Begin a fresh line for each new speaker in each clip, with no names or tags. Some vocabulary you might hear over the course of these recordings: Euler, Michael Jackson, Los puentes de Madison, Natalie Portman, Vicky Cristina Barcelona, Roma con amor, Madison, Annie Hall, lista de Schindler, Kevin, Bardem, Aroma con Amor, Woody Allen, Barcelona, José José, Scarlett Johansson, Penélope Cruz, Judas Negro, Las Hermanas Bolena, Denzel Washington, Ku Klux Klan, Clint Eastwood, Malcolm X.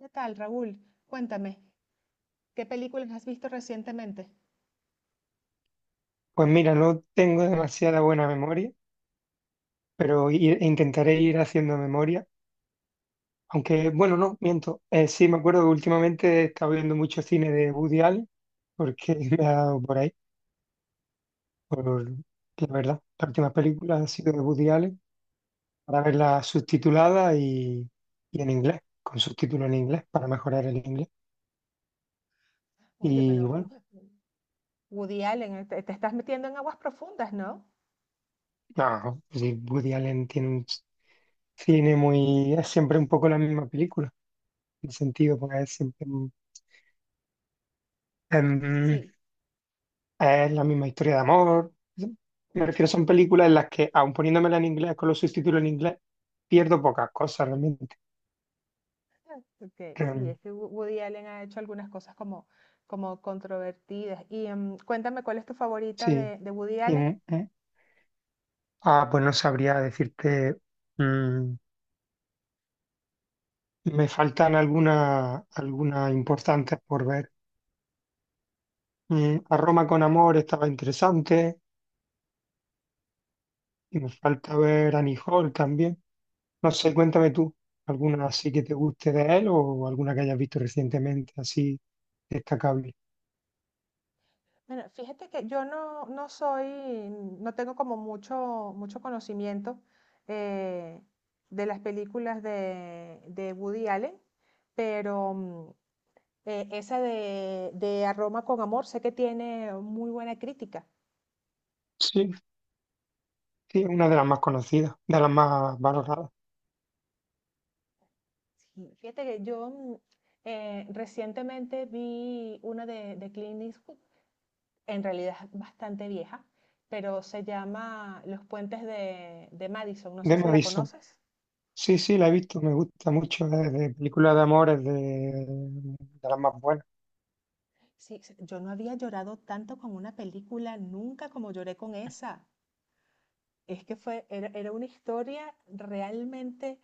¿Qué tal, Raúl? Cuéntame, ¿qué películas has visto recientemente?
Pues mira, no tengo demasiada buena memoria, pero intentaré ir haciendo memoria. Aunque, bueno, no, miento. Sí, me acuerdo que últimamente he estado viendo mucho cine de Woody Allen, porque me ha dado por ahí, por la verdad. Las últimas películas han sido de Woody Allen, para verlas subtituladas y en inglés, con subtítulos en inglés, para mejorar el inglés.
Oye, pero
Y bueno,
Woody Allen, te estás metiendo en aguas profundas, ¿no?
no, sí, Woody Allen tiene un cine muy es siempre un poco la misma película, en el sentido, porque es siempre Em,
Sí.
es la misma historia de amor. Me refiero, son películas en las que, aun poniéndomela en inglés con los subtítulos en inglés, pierdo pocas cosas realmente.
Ok, sí,
Em,
es que Woody Allen ha hecho algunas cosas como controvertidas. Y cuéntame, ¿cuál es tu favorita
sí.
de Woody
Y,
Allen?
mm, mm. Pues no sabría decirte. mm, Me faltan algunas importantes por ver. A Roma con amor estaba interesante. Y me falta ver Annie Hall también. No sé, cuéntame tú, ¿alguna así que te guste de él o alguna que hayas visto recientemente así destacable?
Bueno, fíjate que yo no tengo como mucho, mucho conocimiento eh, de las películas de Woody Allen, pero esa de Aroma con Amor, sé que tiene muy buena crítica.
Sí, sí, es una de las más conocidas, de las más valoradas.
Sí. Fíjate que yo, recientemente vi una de Clint Eastwood, en realidad es bastante vieja, pero se llama Los puentes de Madison, no sé
De
si la
Madison.
conoces.
Sí, sí, la he visto, me gusta mucho. Es de películas de amor, es de las más buenas.
Sí, yo no había llorado tanto con una película nunca como lloré con esa. Es que era una historia realmente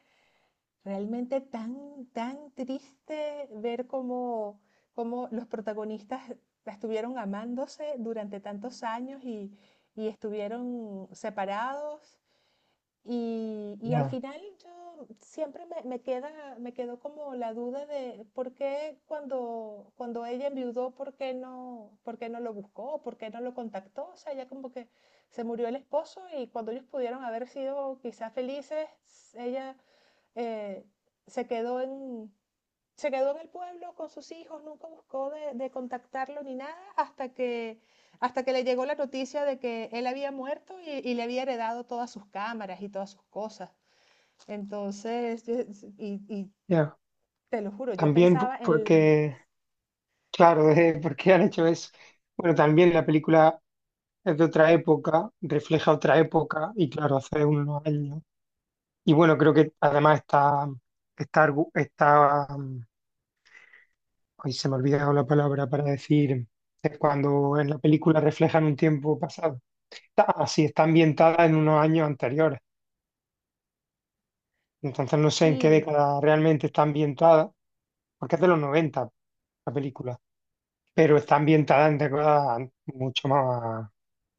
Realmente tan, tan triste ver cómo los protagonistas estuvieron amándose durante tantos años y estuvieron separados. Y al
Ya,
final yo siempre me quedó como la duda de por qué cuando ella enviudó, por qué no lo buscó, por qué no lo contactó. O sea, ella como que se murió el esposo, y cuando ellos pudieron haber sido quizás felices, ella eh, se quedó en, se quedó en el pueblo con sus hijos, nunca buscó de contactarlo ni nada hasta que le llegó la noticia de que él había muerto y le había heredado todas sus cámaras y todas sus cosas. Entonces, y
ya.
te lo juro, yo
También
pensaba en.
porque, claro, porque han hecho eso. Bueno, también la película es de otra época, refleja otra época, y claro, hace unos años. Y bueno, creo que además está Hoy se me ha olvidado la palabra para decir es cuando en la película reflejan un tiempo pasado. Está, así está ambientada en unos años anteriores. Entonces no sé en qué
Sí,
década realmente está ambientada, porque es de los 90 la película, pero está ambientada en décadas mucho más,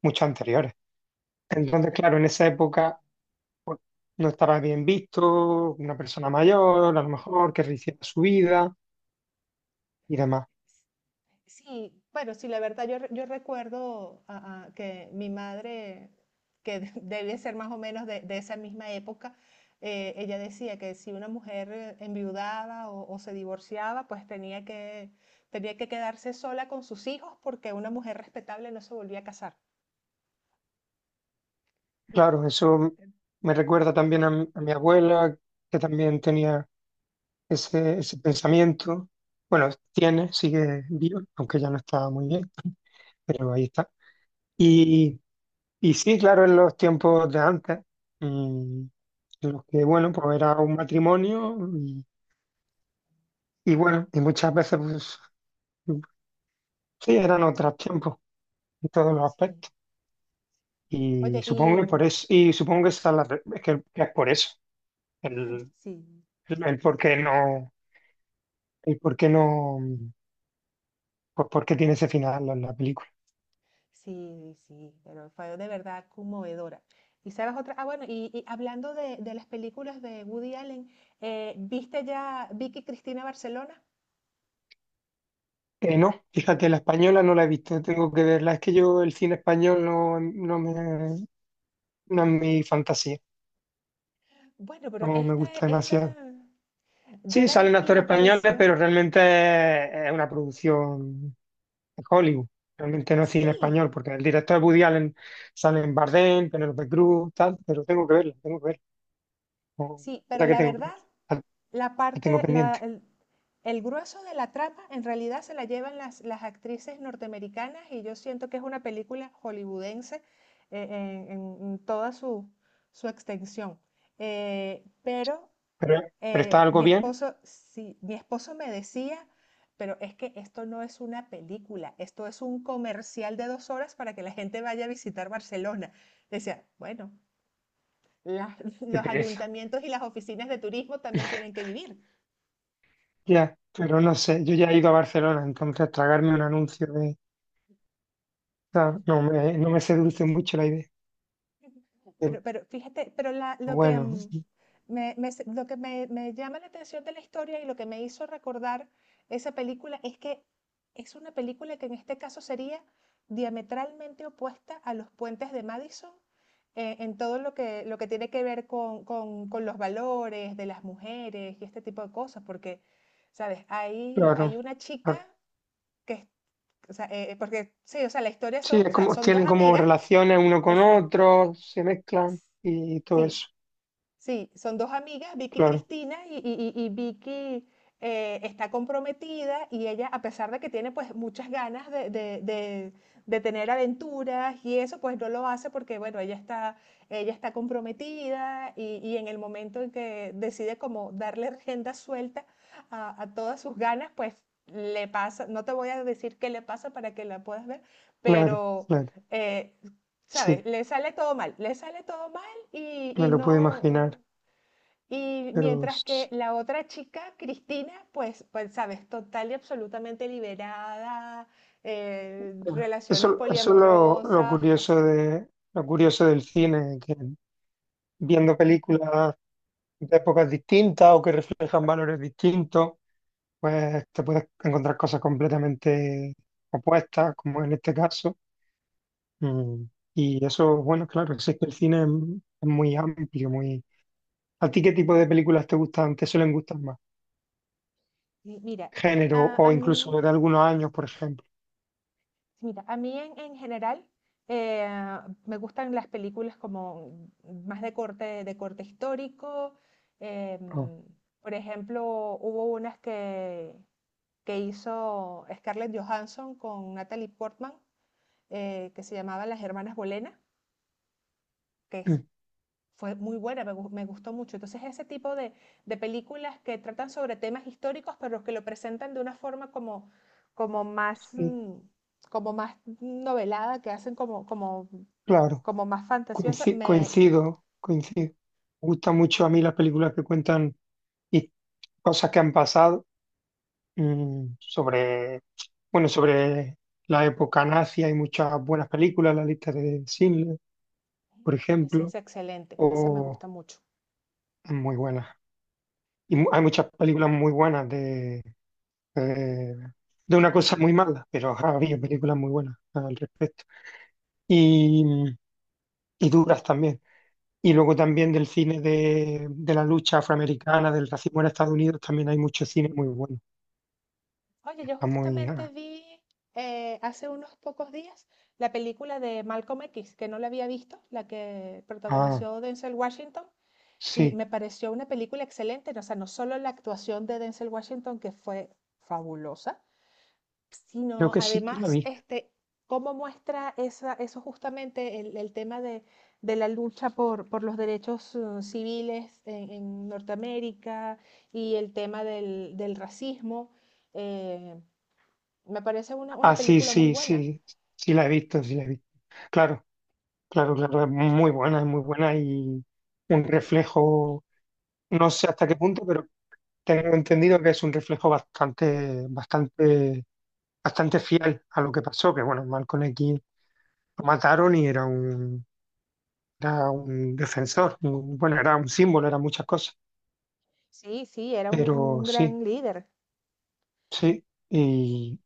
mucho anteriores. Entonces, claro, en esa época pues, no estaba bien visto, una persona mayor, a lo mejor, que rehiciera su vida y demás.
sí, bueno, sí, la verdad yo, yo recuerdo, que mi madre, que debe ser más o menos de esa misma época. Ella decía que si una mujer enviudaba o se divorciaba, pues tenía que quedarse sola con sus hijos, porque una mujer respetable no se volvía a casar.
Claro, eso me recuerda también a mi abuela, que también tenía ese pensamiento. Bueno, tiene, sigue vivo, aunque ya no está muy bien, pero ahí está. Y, y sí, claro, en los tiempos de antes, mm, en los que, bueno, pues era un matrimonio y bueno, y muchas veces, pues mm, sí, eran otros tiempos en todos los
Sí.
aspectos. Y
Oye,
supongo que por
y
eso, y supongo que esa es la re- que es por eso, el,
sí,
el por qué no. Y por qué no, pues por qué tiene ese final la película.
sí, sí, pero fue de verdad conmovedora. Y sabes otra, bueno, y hablando de las películas de Woody Allen, ¿viste ya Vicky Cristina Barcelona?
No, fíjate, la española no la he visto, tengo que verla. Es que yo el cine español no, no me, no es mi fantasía,
Bueno, pero
no me gusta demasiado.
yo
Sí,
la vi
salen
y
actores
me
españoles,
pareció,
pero realmente es una producción de Hollywood. Realmente no es cine
sí,
español, porque el director es Woody Allen, salen Bardem, Penélope Cruz, tal, pero tengo que verla, tengo que verla. No,
sí,
la
pero
verdad
la
que tengo que
verdad,
verla, la
la
la tengo
parte, la,
pendiente.
el grueso de la trama en realidad se la llevan las actrices norteamericanas, y yo siento que es una película hollywoodense en toda su extensión. Eh, pero
Pero, pero está
eh,
algo
mi
bien,
esposo, sí, mi esposo me decía: pero es que esto no es una película, esto es un comercial de 2 horas para que la gente vaya a visitar Barcelona. Decía: bueno,
qué
los
pereza.
ayuntamientos y las oficinas de turismo también tienen que vivir.
Ya, pero no sé, yo ya he ido a Barcelona, entonces tragarme un anuncio de ¿sabes? No me, no me seduce mucho la idea. Pero
Pero fíjate, pero
bueno,
lo que me llama la atención de la historia, y lo que me hizo recordar esa película, es que es una película que en este caso sería diametralmente opuesta a Los puentes de Madison, en todo lo que tiene que ver con los valores de las mujeres y este tipo de cosas. Porque, ¿sabes? Hay
claro,
una chica
claro.
que, es- o sea, porque sí, o sea, la historia
Sí,
o
es
sea,
como,
son dos
tienen como
amigas,
relaciones uno con
exacto.
otro, se mezclan y todo
Sí,
eso.
sí, son dos amigas, Vicky y
Claro,
Cristina, y Vicky está comprometida, y ella, a pesar de que tiene pues muchas ganas de tener aventuras y eso, pues no lo hace porque, bueno, ella está comprometida. Y en el momento en que decide como darle agenda suelta a todas sus ganas, pues le pasa, no te voy a decir qué le pasa para que la puedas ver,
claro,
pero...
claro.
eh, ¿Sabes?
Sí,
Le sale todo mal, le sale todo mal, y,
me
y
lo puedo
no,
imaginar,
y
pero
mientras que
sí.
la otra chica, Cristina, pues sabes, total y absolutamente liberada, relaciones
Eso es lo
poliamorosas, o
curioso
sea,
de, lo curioso del cine, que viendo películas de épocas distintas o que reflejan valores distintos, pues te puedes encontrar cosas completamente opuestas, como en este caso. Mm, Y eso, bueno, claro, sí es que el cine es muy amplio, muy... ¿A ti qué tipo de películas te gustan, te suelen gustar más?
y mira,
Género
a,
o
a
incluso
mí,
de algunos años, por ejemplo.
mira, a mí en general, eh, me gustan las películas como más de corte histórico.
Oh,
em, por ejemplo, hubo unas que hizo Scarlett Johansson con Natalie Portman, que se llamaba Las Hermanas Bolena, que es-
mm,
fue muy buena, me gustó mucho. Entonces, ese tipo de películas que tratan sobre temas históricos, pero que lo presentan de una forma como más,
sí.
como más novelada, que hacen como, como,
Claro,
como más fantasiosa, me,
coincido, coincido. Me gustan mucho a mí las películas que cuentan y cosas que han pasado, mm, sobre, bueno, sobre la época nazi. Hay muchas buenas películas, la lista de Schindler, por
Esa
ejemplo,
es excelente, esa me
o
gusta mucho.
muy buenas. Y hay muchas películas muy buenas de eh, de una cosa muy mala, pero ha habido películas muy buenas al respecto. Y, y duras también. Y luego también del cine de la lucha afroamericana, del racismo en Estados Unidos, también hay mucho cine muy bueno.
Oye, yo
Está muy...
justamente
Ah,
vi, hace unos pocos días, la película de Malcolm X, que no la había visto, la que
ah,
protagonizó Denzel Washington. Y
sí,
me pareció una película excelente, o sea, no solo la actuación de Denzel Washington, que fue fabulosa,
creo
sino
que sí que la
además
vi.
este, cómo muestra eso justamente, el tema de la lucha por los derechos civiles en Norteamérica, y el tema del racismo. eh, Me parece una
Ah, sí,
película muy
sí,
buena.
sí, sí la he visto, sí la he visto. Claro, claro, claro, es muy buena y un reflejo, no sé hasta qué punto, pero tengo entendido que es un reflejo bastante, bastante, bastante fiel a lo que pasó, que bueno, Malcolm X lo mataron y era un defensor, bueno, era un símbolo, era muchas cosas,
Sí, sí, era un,
pero
un
sí,
gran líder.
sí, y,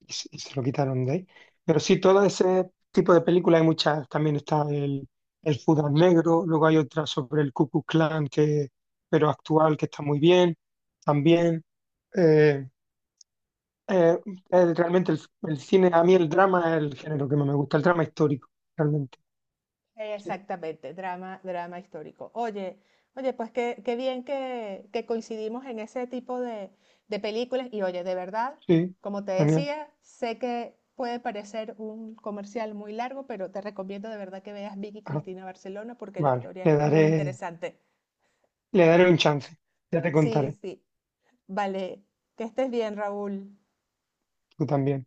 y se lo quitaron de ahí. Pero sí, todo ese tipo de películas hay muchas, también está el Judas Negro, luego hay otra sobre el Ku Klux Klan, que, pero actual, que está muy bien, también. eh, Eh, Realmente el cine, a mí el drama es el género que más me gusta, el drama histórico, realmente. Sí,
Exactamente, drama, drama histórico. Oye, oye, pues qué bien que coincidimos en ese tipo de películas. Y oye, de verdad,
sí,
como te
Daniel.
decía, sé que puede parecer un comercial muy largo, pero te recomiendo de verdad que veas Vicky
Ah,
Cristina Barcelona porque la
vale,
historia es muy interesante.
le daré un chance, ya te
Sí,
contaré,
sí. Vale, que estés bien, Raúl.
tú también.